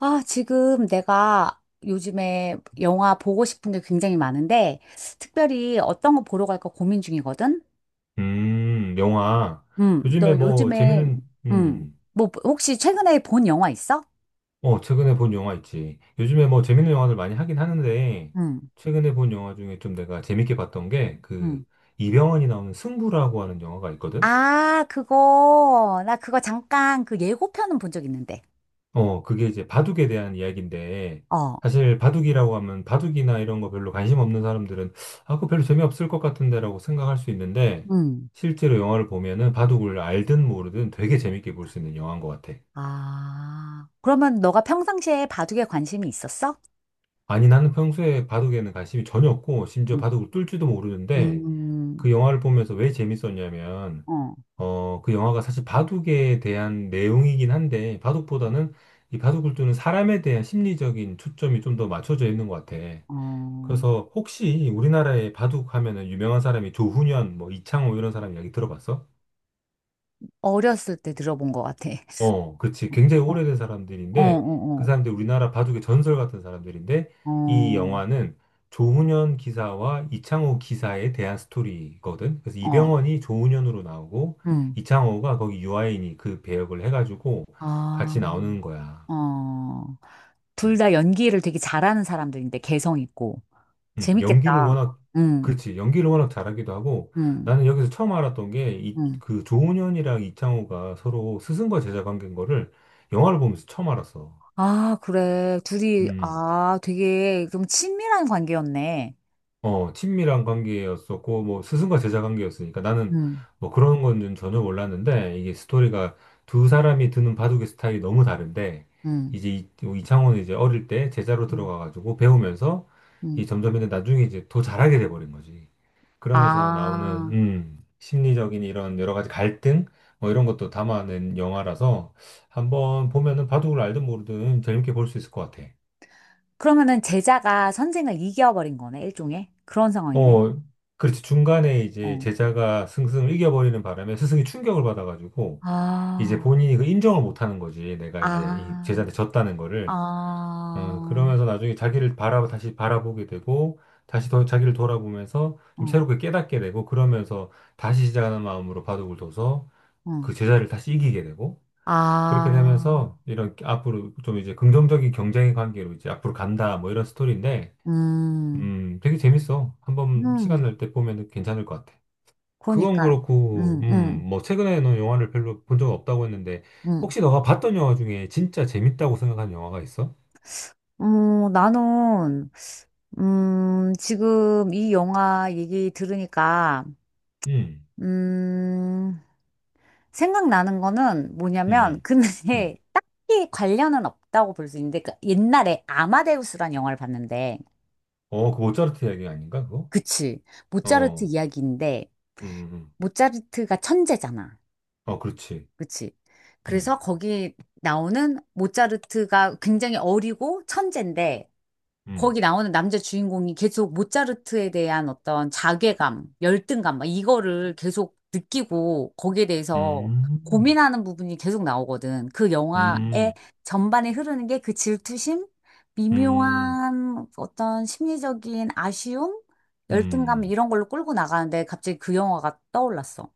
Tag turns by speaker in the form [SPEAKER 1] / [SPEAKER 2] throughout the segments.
[SPEAKER 1] 아, 지금 내가 요즘에 영화 보고 싶은 게 굉장히 많은데, 특별히 어떤 거 보러 갈까 고민 중이거든?
[SPEAKER 2] 영화. 요즘에
[SPEAKER 1] 너
[SPEAKER 2] 뭐
[SPEAKER 1] 요즘에,
[SPEAKER 2] 재밌는, 음,
[SPEAKER 1] 뭐, 혹시 최근에 본 영화 있어?
[SPEAKER 2] 어, 최근에 본 영화 있지. 요즘에 뭐 재밌는 영화들 많이 하긴 하는데,
[SPEAKER 1] 음,
[SPEAKER 2] 최근에 본 영화 중에 좀 내가 재밌게 봤던 게, 그,
[SPEAKER 1] 음.
[SPEAKER 2] 이병헌이 나오는 승부라고 하는 영화가 있거든?
[SPEAKER 1] 아, 그거, 나 그거 잠깐 그 예고편은 본 적 있는데.
[SPEAKER 2] 그게 이제 바둑에 대한 이야기인데,
[SPEAKER 1] 어,
[SPEAKER 2] 사실 바둑이라고 하면 바둑이나 이런 거 별로 관심 없는 사람들은, 아, 그거 별로 재미없을 것 같은데라고 생각할 수 있는데,
[SPEAKER 1] 음.
[SPEAKER 2] 실제로 영화를 보면은 바둑을 알든 모르든 되게 재밌게 볼 수 있는 영화인 것 같아.
[SPEAKER 1] 아, 그러면 너가 평상시에 바둑에 관심이 있었어?
[SPEAKER 2] 아니, 나는 평소에 바둑에는 관심이 전혀 없고, 심지어
[SPEAKER 1] 음,
[SPEAKER 2] 바둑을 뚫 줄도 모르는데,
[SPEAKER 1] 음,
[SPEAKER 2] 그 영화를 보면서 왜 재밌었냐면,
[SPEAKER 1] 어,
[SPEAKER 2] 그 영화가 사실 바둑에 대한 내용이긴 한데, 바둑보다는 이 바둑을 두는 사람에 대한 심리적인 초점이 좀 더 맞춰져 있는 것 같아.
[SPEAKER 1] 어,
[SPEAKER 2] 그래서 혹시 우리나라에 바둑 하면은 유명한 사람이 조훈현, 뭐 이창호 이런 사람 이야기 들어봤어?
[SPEAKER 1] 어렸을 때 들어본 것 같아.
[SPEAKER 2] 어, 그렇지. 굉장히 오래된
[SPEAKER 1] 어,
[SPEAKER 2] 사람들인데, 그
[SPEAKER 1] 어,
[SPEAKER 2] 사람들이 우리나라 바둑의 전설 같은 사람들인데,
[SPEAKER 1] 어,
[SPEAKER 2] 이
[SPEAKER 1] 어,
[SPEAKER 2] 영화는 조훈현 기사와 이창호 기사에 대한 스토리거든. 그래서
[SPEAKER 1] 어,
[SPEAKER 2] 이병헌이 조훈현으로 나오고,
[SPEAKER 1] 음,
[SPEAKER 2] 이창호가 거기 유아인이 그 배역을 해가지고
[SPEAKER 1] 아,
[SPEAKER 2] 같이 나오는 거야.
[SPEAKER 1] 어. 둘
[SPEAKER 2] 음.
[SPEAKER 1] 다 연기를 되게 잘하는 사람들인데, 개성 있고.
[SPEAKER 2] 음. 연기를
[SPEAKER 1] 재밌겠다.
[SPEAKER 2] 워낙,
[SPEAKER 1] 응,
[SPEAKER 2] 그렇지. 연기를 워낙 잘하기도 하고,
[SPEAKER 1] 응,
[SPEAKER 2] 나는 여기서 처음 알았던 게, 이,
[SPEAKER 1] 응.
[SPEAKER 2] 그 조훈현이랑 이창호가 서로 스승과 제자 관계인 거를 영화를 보면서 처음 알았어.
[SPEAKER 1] 아, 그래. 둘이,
[SPEAKER 2] 음.
[SPEAKER 1] 아, 되게 좀 친밀한 관계였네.
[SPEAKER 2] 어, 친밀한 관계였었고, 뭐, 스승과 제자 관계였으니까 나는
[SPEAKER 1] 응,
[SPEAKER 2] 뭐 그런 건 좀 전혀 몰랐는데, 이게 스토리가 두 사람이 드는 바둑의 스타일이 너무 다른데, 이제
[SPEAKER 1] 응,
[SPEAKER 2] 이창호는 이제 어릴 때 제자로
[SPEAKER 1] 응,
[SPEAKER 2] 들어가가지고 배우면서, 이
[SPEAKER 1] 응.
[SPEAKER 2] 점점 이제 나중에 이제 더 잘하게 돼버린 거지. 그러면서 나오는,
[SPEAKER 1] 아,
[SPEAKER 2] 심리적인 이런 여러 가지 갈등, 뭐 이런 것도 담아낸 영화라서, 한번 보면은 바둑을 알든 모르든 재밌게 볼 수 있을 것 같아.
[SPEAKER 1] 그러면은 제자가 선생을 이겨버린 거네, 일종의. 그런 상황이네.
[SPEAKER 2] 어, 그렇지. 중간에 이제
[SPEAKER 1] 어.
[SPEAKER 2] 제자가 승승을 이겨버리는 바람에 스승이 충격을 받아가지고, 이제
[SPEAKER 1] 아,
[SPEAKER 2] 본인이 그 인정을 못하는 거지. 내가 이제 이
[SPEAKER 1] 아,
[SPEAKER 2] 제자한테 졌다는 거를.
[SPEAKER 1] 아,
[SPEAKER 2] 그러면서 나중에 자기를 다시 바라보게 되고, 다시 더 자기를 돌아보면서 좀
[SPEAKER 1] 어,
[SPEAKER 2] 새롭게 깨닫게 되고, 그러면서 다시 시작하는 마음으로 바둑을 둬서
[SPEAKER 1] 어.
[SPEAKER 2] 그 제자를 다시 이기게 되고, 그렇게
[SPEAKER 1] 아,
[SPEAKER 2] 되면서 이런 앞으로 좀 이제 긍정적인 경쟁의 관계로 이제 앞으로 간다, 뭐 이런 스토리인데,
[SPEAKER 1] 음,
[SPEAKER 2] 되게 재밌어. 한번 시간
[SPEAKER 1] 음,
[SPEAKER 2] 날 때 보면 괜찮을 것 같아. 그건
[SPEAKER 1] 그러니까,
[SPEAKER 2] 그렇고,
[SPEAKER 1] 음, 음,
[SPEAKER 2] 뭐, 최근에 너 영화를 별로 본 적 없다고 했는데,
[SPEAKER 1] 음.
[SPEAKER 2] 혹시 너가 봤던 영화 중에 진짜 재밌다고 생각한 영화가 있어?
[SPEAKER 1] 나는, 지금 이 영화 얘기 들으니까,
[SPEAKER 2] 음.
[SPEAKER 1] 음, 생각나는 거는
[SPEAKER 2] 음.
[SPEAKER 1] 뭐냐면,
[SPEAKER 2] 음.
[SPEAKER 1] 근데
[SPEAKER 2] 음.
[SPEAKER 1] 딱히 관련은 없다고 볼 수 있는데, 그 옛날에 아마데우스란 영화를 봤는데,
[SPEAKER 2] 어, 그 모차르트 이야기 아닌가, 그거?
[SPEAKER 1] 그치. 모차르트
[SPEAKER 2] 어.
[SPEAKER 1] 이야기인데,
[SPEAKER 2] 음. 음. 음.
[SPEAKER 1] 모차르트가 천재잖아.
[SPEAKER 2] 어, 그렇지.
[SPEAKER 1] 그치.
[SPEAKER 2] 음.
[SPEAKER 1] 그래서 거기 나오는 모차르트가 굉장히 어리고 천재인데,
[SPEAKER 2] 음.
[SPEAKER 1] 거기 나오는 남자 주인공이 계속 모차르트에 대한 어떤 자괴감, 열등감, 막 이거를 계속 느끼고 거기에 대해서
[SPEAKER 2] 음.
[SPEAKER 1] 고민하는 부분이 계속 나오거든. 그 영화의
[SPEAKER 2] 음.
[SPEAKER 1] 전반에 흐르는 게 그 질투심,
[SPEAKER 2] 음.
[SPEAKER 1] 미묘한 어떤 심리적인 아쉬움, 열등감
[SPEAKER 2] 음.
[SPEAKER 1] 이런 걸로 끌고 나가는데 갑자기 그 영화가 떠올랐어.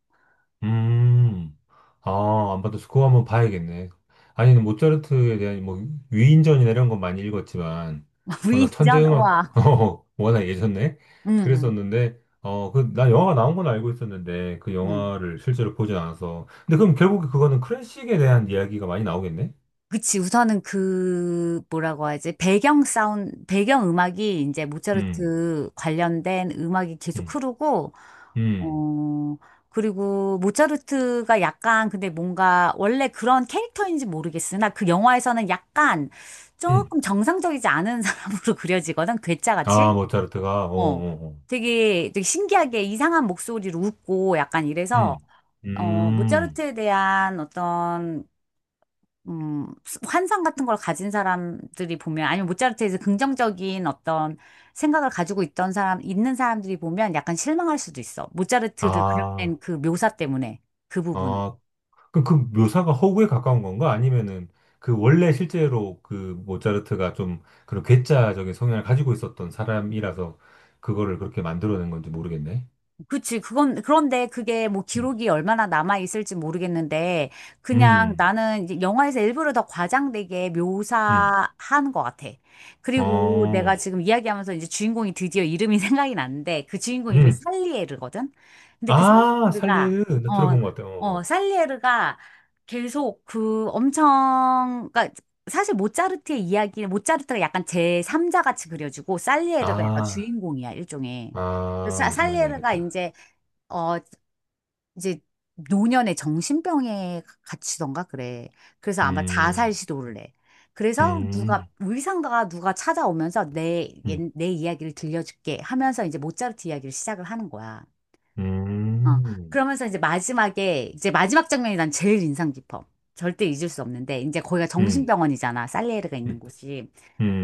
[SPEAKER 2] 음. 아, 안 받았어. 그거 한번 봐야겠네. 아니, 모차르트에 대한 뭐 위인전이나 이런 건 많이 읽었지만, 워낙 천재
[SPEAKER 1] 위인전?
[SPEAKER 2] 음악,
[SPEAKER 1] 와.
[SPEAKER 2] 워낙 예전에
[SPEAKER 1] 응, 응,
[SPEAKER 2] 그랬었는데, 그, 나 영화가 나온 건 알고 있었는데, 그
[SPEAKER 1] 응.
[SPEAKER 2] 영화를 실제로 보진 않아서. 근데 그럼 결국에 그거는 클래식에 대한 이야기가 많이 나오겠네?
[SPEAKER 1] 그치, 우선은 그, 뭐라고 하지? 배경 사운드, 배경 음악이 이제
[SPEAKER 2] 음.
[SPEAKER 1] 모차르트 관련된 음악이 계속
[SPEAKER 2] 음.
[SPEAKER 1] 흐르고,
[SPEAKER 2] 음.
[SPEAKER 1] 어, 그리고 모차르트가 약간 근데 뭔가 원래 그런 캐릭터인지 모르겠으나 그 영화에서는 약간
[SPEAKER 2] 음.
[SPEAKER 1] 조금 정상적이지 않은 사람으로 그려지거든, 괴짜같이.
[SPEAKER 2] 아, 모차르트가, 어,
[SPEAKER 1] 어,
[SPEAKER 2] 어, 어.
[SPEAKER 1] 되게, 되게 신기하게 이상한 목소리로 웃고 약간 이래서,
[SPEAKER 2] 음. 음.
[SPEAKER 1] 모차르트에 대한 어떤 환상 같은 걸 가진 사람들이 보면, 아니면 모차르트에서 긍정적인 어떤 생각을 가지고 있던 있는 사람들이 보면 약간 실망할 수도 있어. 모차르트를
[SPEAKER 2] 아,
[SPEAKER 1] 그려낸 그 묘사 때문에, 그 부분.
[SPEAKER 2] 아, 그럼 그 묘사가 허구에 가까운 건가? 아니면은 그 원래 실제로 그 모차르트가 좀 그런 괴짜적인 성향을 가지고 있었던 사람이라서 그거를 그렇게 만들어낸 건지 모르겠네.
[SPEAKER 1] 그치. 그런데 그게 뭐
[SPEAKER 2] 음.
[SPEAKER 1] 기록이 얼마나 남아있을지 모르겠는데, 그냥
[SPEAKER 2] 음.
[SPEAKER 1] 나는 이제 영화에서 일부러 더 과장되게
[SPEAKER 2] 음.
[SPEAKER 1] 묘사한 것 같아. 그리고 내가
[SPEAKER 2] 어,
[SPEAKER 1] 지금 이야기하면서 이제 주인공이 드디어 이름이 생각이 났는데 그 주인공 이름이
[SPEAKER 2] 음.
[SPEAKER 1] 살리에르거든? 근데 그
[SPEAKER 2] 아, 살리르. 나
[SPEAKER 1] 어,
[SPEAKER 2] 들어본 것 같아. 어.
[SPEAKER 1] 어,
[SPEAKER 2] 어.
[SPEAKER 1] 살리에르가 계속 그 엄청, 그니까 사실 모차르트의 이야기는 모차르트가 약간 제3자 같이 그려지고, 살리에르가 약간
[SPEAKER 2] 아,
[SPEAKER 1] 주인공이야, 일종의. 근데
[SPEAKER 2] 아, 무슨 말인지
[SPEAKER 1] 살리에르가
[SPEAKER 2] 알겠다.
[SPEAKER 1] 어, 이제 노년의 정신병에 갇히던가 그래. 그래서 아마 자살
[SPEAKER 2] 음.
[SPEAKER 1] 시도를 해. 그래서 누가
[SPEAKER 2] 음.
[SPEAKER 1] 의상가가 누가 찾아오면서
[SPEAKER 2] 음.
[SPEAKER 1] 내 이야기를 들려줄게 하면서 이제 모차르트 이야기를 시작을 하는 거야. 어,
[SPEAKER 2] 음.
[SPEAKER 1] 그러면서 이제 마지막에 이제 마지막 장면이 난 제일 인상 깊어. 절대 잊을 수 없는데 이제 거기가
[SPEAKER 2] 음.
[SPEAKER 1] 정신병원이잖아. 살리에르가 있는
[SPEAKER 2] 음.
[SPEAKER 1] 곳이.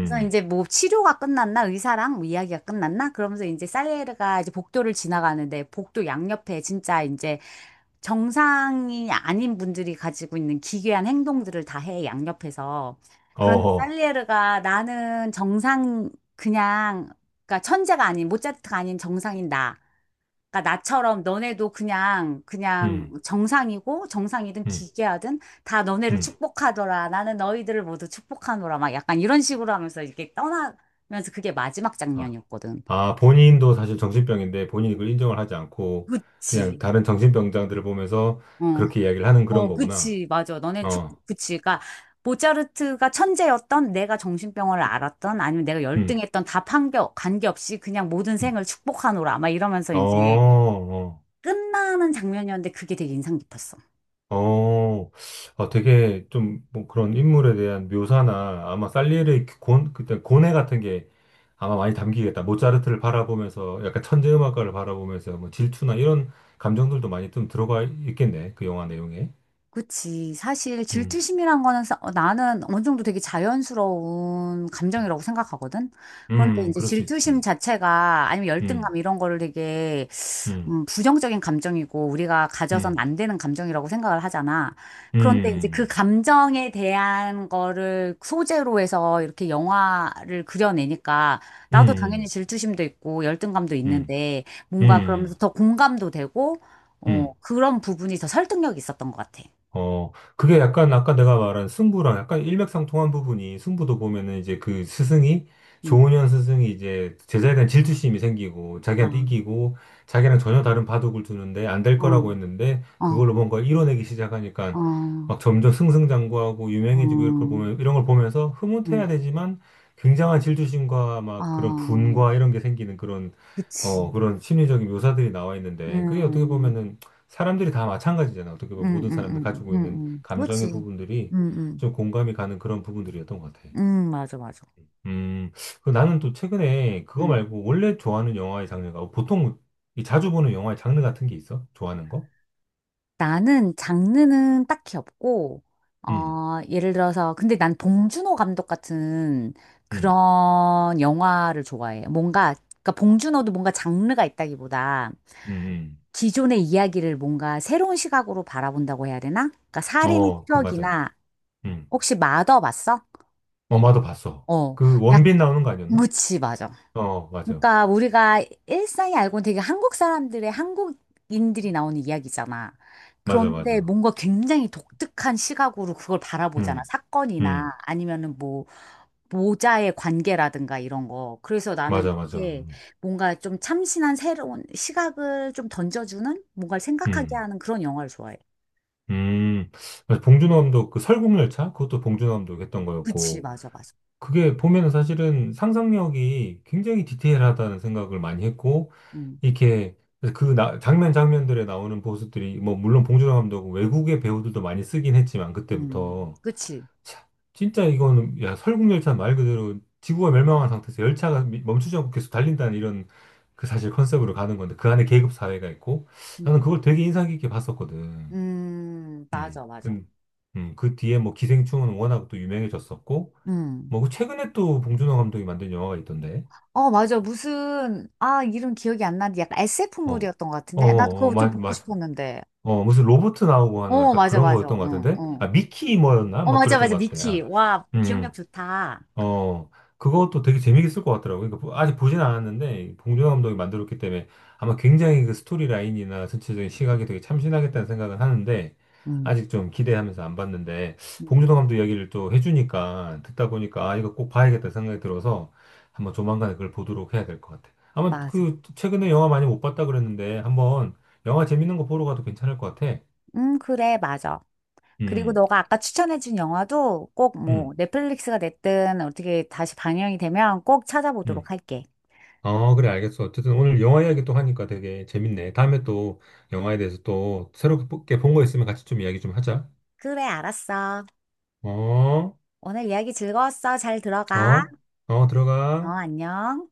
[SPEAKER 1] 그래서 이제 뭐 치료가 끝났나 의사랑 뭐 이야기가 끝났나 그러면서 이제 살리에르가 이제 복도를 지나가는데 복도 양옆에 진짜 이제 정상이 아닌 분들이 가지고 있는 기괴한 행동들을 다 해 양옆에서 그런데
[SPEAKER 2] 어허,
[SPEAKER 1] 살리에르가 나는 정상 그냥 그러니까 천재가 아닌 모차르트가 아닌 정상인 나 그러니까 나처럼 너네도 그냥 그냥
[SPEAKER 2] 음.
[SPEAKER 1] 정상이고 정상이든
[SPEAKER 2] 음.
[SPEAKER 1] 기계하든 다 너네를
[SPEAKER 2] 음.
[SPEAKER 1] 축복하더라. 나는 너희들을 모두 축복하노라. 막 약간 이런 식으로 하면서 이렇게 떠나면서 그게 마지막
[SPEAKER 2] 아.
[SPEAKER 1] 장면이었거든.
[SPEAKER 2] 아, 본인도 사실 정신병인데 본인이 그걸 인정을 하지 않고 그냥
[SPEAKER 1] 그치.
[SPEAKER 2] 다른 정신병자들을 보면서
[SPEAKER 1] 어.
[SPEAKER 2] 그렇게 이야기를 하는 그런
[SPEAKER 1] 어,
[SPEAKER 2] 거구나.
[SPEAKER 1] 그치. 맞아. 너넨 축
[SPEAKER 2] 어,
[SPEAKER 1] 그치. 그러니까 모차르트가 천재였던 내가 정신병원을 앓았던 아니면 내가
[SPEAKER 2] 음.
[SPEAKER 1] 열등했던 다 판교, 관계없이 그냥 모든
[SPEAKER 2] 음.
[SPEAKER 1] 생을 축복하노라. 막 이러면서
[SPEAKER 2] 어,
[SPEAKER 1] 이제
[SPEAKER 2] 어,
[SPEAKER 1] 끝나는 장면이었는데 그게 되게 인상 깊었어.
[SPEAKER 2] 어, 아, 되게 좀 뭐 그런 인물에 대한 묘사나 아마 살리에르의 그때 고뇌 같은 게 아마 많이 담기겠다. 모차르트를 바라보면서 약간 천재 음악가를 바라보면서 뭐 질투나 이런 감정들도 많이 좀 들어가 있겠네. 그 영화 내용에.
[SPEAKER 1] 그치. 사실
[SPEAKER 2] 음.
[SPEAKER 1] 질투심이란 거는 나는 어느 정도 되게 자연스러운 감정이라고 생각하거든. 그런데
[SPEAKER 2] 음.
[SPEAKER 1] 이제
[SPEAKER 2] 그럴 수
[SPEAKER 1] 질투심
[SPEAKER 2] 있지.
[SPEAKER 1] 자체가 아니면 열등감
[SPEAKER 2] 음.
[SPEAKER 1] 이런 거를 되게
[SPEAKER 2] 음.
[SPEAKER 1] 부정적인 감정이고 우리가 가져선
[SPEAKER 2] 음.
[SPEAKER 1] 안 되는 감정이라고 생각을 하잖아. 그런데 이제 그
[SPEAKER 2] 음.
[SPEAKER 1] 감정에 대한 거를 소재로 해서 이렇게 영화를 그려내니까 나도 당연히
[SPEAKER 2] 음.
[SPEAKER 1] 질투심도 있고 열등감도
[SPEAKER 2] 음.
[SPEAKER 1] 있는데
[SPEAKER 2] 음.
[SPEAKER 1] 뭔가 그러면서
[SPEAKER 2] 음.
[SPEAKER 1] 더 공감도 되고
[SPEAKER 2] 음.
[SPEAKER 1] 그런 부분이 더 설득력이 있었던 것 같아.
[SPEAKER 2] 어, 그게 약간 아까 내가 말한 승부랑 약간 일맥상통한 부분이 승부도 보면은 이제 그 스승이
[SPEAKER 1] 음,
[SPEAKER 2] 조은현 스승이 이제 제자에 대한 질투심이 생기고 자기한테
[SPEAKER 1] 아,
[SPEAKER 2] 이기고 자기랑 전혀 다른 바둑을 두는데 안 될
[SPEAKER 1] 어,
[SPEAKER 2] 거라고 했는데
[SPEAKER 1] 어,
[SPEAKER 2] 그걸로 뭔가 이뤄내기 시작하니까 막
[SPEAKER 1] 어,
[SPEAKER 2] 점점 승승장구하고 유명해지고 이걸
[SPEAKER 1] 어,
[SPEAKER 2] 보면 이런 걸 보면서 흐뭇해야
[SPEAKER 1] 음,
[SPEAKER 2] 되지만 굉장한 질투심과 막 그런
[SPEAKER 1] 아,
[SPEAKER 2] 분과 이런 게 생기는 그런
[SPEAKER 1] 그치.
[SPEAKER 2] 어 그런 심리적인 묘사들이 나와 있는데 그게 어떻게
[SPEAKER 1] 음,
[SPEAKER 2] 보면은 사람들이 다 마찬가지잖아. 어떻게 보면
[SPEAKER 1] 음,
[SPEAKER 2] 모든
[SPEAKER 1] 음,
[SPEAKER 2] 사람들
[SPEAKER 1] 음, 음,
[SPEAKER 2] 가지고 있는 감정의
[SPEAKER 1] 그치.
[SPEAKER 2] 부분들이
[SPEAKER 1] 음, 음,
[SPEAKER 2] 좀 공감이 가는 그런 부분들이었던 것 같아.
[SPEAKER 1] 맞아, 맞아.
[SPEAKER 2] 음, 그 나는 또 최근에 그거 말고 원래 좋아하는 영화의 장르가 보통 이 자주 보는 영화의 장르 같은 게 있어? 좋아하는 거?
[SPEAKER 1] 나는 장르는 딱히 없고,
[SPEAKER 2] 음.
[SPEAKER 1] 예를 들어서, 근데 난 봉준호 감독 같은
[SPEAKER 2] 음.
[SPEAKER 1] 그런 영화를 좋아해. 뭔가, 그러니까 봉준호도 뭔가 장르가 있다기보다
[SPEAKER 2] 음.
[SPEAKER 1] 기존의 이야기를 뭔가 새로운 시각으로 바라본다고 해야 되나? 그러니까
[SPEAKER 2] 음.
[SPEAKER 1] 살인의
[SPEAKER 2] 어, 그 맞아.
[SPEAKER 1] 추억이나
[SPEAKER 2] 음,
[SPEAKER 1] 혹시 마더 봤어?
[SPEAKER 2] 엄마도 봤어.
[SPEAKER 1] 어,
[SPEAKER 2] 그
[SPEAKER 1] 약,
[SPEAKER 2] 원빈 나오는 거 아니었나?
[SPEAKER 1] 그치, 맞아.
[SPEAKER 2] 어, 맞아,
[SPEAKER 1] 그러니까 우리가 일상이 알고는 되게 한국인들이 나오는 이야기잖아.
[SPEAKER 2] 맞아,
[SPEAKER 1] 그런데
[SPEAKER 2] 맞아.
[SPEAKER 1] 뭔가 굉장히 독특한 시각으로 그걸 바라보잖아.
[SPEAKER 2] 음, 음,
[SPEAKER 1] 사건이나 아니면은 뭐 모자의 관계라든가 이런 거. 그래서 나는
[SPEAKER 2] 맞아, 맞아.
[SPEAKER 1] 그게
[SPEAKER 2] 음.
[SPEAKER 1] 뭔가 좀 참신한 새로운 시각을 좀 던져주는 뭔가를 생각하게
[SPEAKER 2] 음.
[SPEAKER 1] 하는 그런 영화를 좋아해.
[SPEAKER 2] 음, 맞아. 봉준호 감독 그 설국열차, 그것도 봉준호 감독 했던
[SPEAKER 1] 그치,
[SPEAKER 2] 거였고,
[SPEAKER 1] 맞아, 맞아.
[SPEAKER 2] 그게 보면은 사실은 상상력이 굉장히 디테일하다는 생각을 많이 했고,
[SPEAKER 1] 음,
[SPEAKER 2] 이렇게 그 장면 장면들에 나오는 보수들이, 뭐 물론 봉준호 감독은 외국의 배우들도 많이 쓰긴 했지만 그때부터
[SPEAKER 1] 그치.
[SPEAKER 2] 참, 진짜 이거는 야, 설국열차 말 그대로 지구가 멸망한 상태에서 열차가 멈추지 않고 계속 달린다는 이런 그 사실 컨셉으로 가는 건데, 그 안에 계급 사회가 있고, 나는
[SPEAKER 1] 음,
[SPEAKER 2] 그걸 되게 인상 깊게 봤었거든.
[SPEAKER 1] 맞아, 맞아.
[SPEAKER 2] 그, 그 뒤에 뭐 기생충은 워낙 또 유명해졌었고,
[SPEAKER 1] 음.
[SPEAKER 2] 뭐그 최근에 또 봉준호 감독이 만든 영화가 있던데,
[SPEAKER 1] 어, 맞아. 무슨, 아, 이름 기억이 안 나는데 약간
[SPEAKER 2] 어,
[SPEAKER 1] SF물이었던 것
[SPEAKER 2] 어,
[SPEAKER 1] 같은데? 나도
[SPEAKER 2] 어, 어,
[SPEAKER 1] 그거 좀 보고
[SPEAKER 2] 맞아.
[SPEAKER 1] 싶었는데.
[SPEAKER 2] 어, 무슨 로봇 나오고 하는
[SPEAKER 1] 어,
[SPEAKER 2] 약간
[SPEAKER 1] 맞아,
[SPEAKER 2] 그런
[SPEAKER 1] 맞아.
[SPEAKER 2] 거였던 것
[SPEAKER 1] 응, 응.
[SPEAKER 2] 같은데,
[SPEAKER 1] 어, 어.
[SPEAKER 2] 아, 미키 뭐였나?
[SPEAKER 1] 어,
[SPEAKER 2] 막
[SPEAKER 1] 맞아,
[SPEAKER 2] 그랬던
[SPEAKER 1] 맞아.
[SPEAKER 2] 것 같아.
[SPEAKER 1] 미키.
[SPEAKER 2] 아,
[SPEAKER 1] 와, 기억력
[SPEAKER 2] 음.
[SPEAKER 1] 좋다.
[SPEAKER 2] 어, 그것도 되게 재밌을 것 같더라고요. 그러니까 아직 보진 않았는데, 봉준호 감독이 만들었기 때문에 아마 굉장히 그 스토리 라인이나 전체적인 시각이 되게 참신하겠다는 생각은 하는데,
[SPEAKER 1] 음,
[SPEAKER 2] 아직 좀 기대하면서 안 봤는데,
[SPEAKER 1] 음,
[SPEAKER 2] 봉준호 감독 이야기를 또 해주니까, 듣다 보니까, 아, 이거 꼭 봐야겠다 생각이 들어서, 한번 조만간에 그걸 보도록 해야 될 것 같아요. 아마
[SPEAKER 1] 맞아.
[SPEAKER 2] 그, 최근에 영화 많이 못 봤다 그랬는데, 한번 영화 재밌는 거 보러 가도 괜찮을 것 같아.
[SPEAKER 1] 그래, 맞아. 그리고
[SPEAKER 2] 음.
[SPEAKER 1] 너가 아까 추천해준 영화도 꼭 뭐
[SPEAKER 2] 음.
[SPEAKER 1] 넷플릭스가 됐든 어떻게 다시 방영이 되면 꼭
[SPEAKER 2] 음.
[SPEAKER 1] 찾아보도록 할게.
[SPEAKER 2] 어, 그래, 알겠어. 어쨌든 오늘 영화 이야기 또 하니까 되게 재밌네. 다음에 또 영화에 대해서 또 새롭게 본 거 있으면 같이 좀 이야기 좀 하자.
[SPEAKER 1] 그래, 알았어.
[SPEAKER 2] 어,
[SPEAKER 1] 오늘 이야기 즐거웠어. 잘 들어가.
[SPEAKER 2] 어, 어,
[SPEAKER 1] 어,
[SPEAKER 2] 들어가.
[SPEAKER 1] 안녕.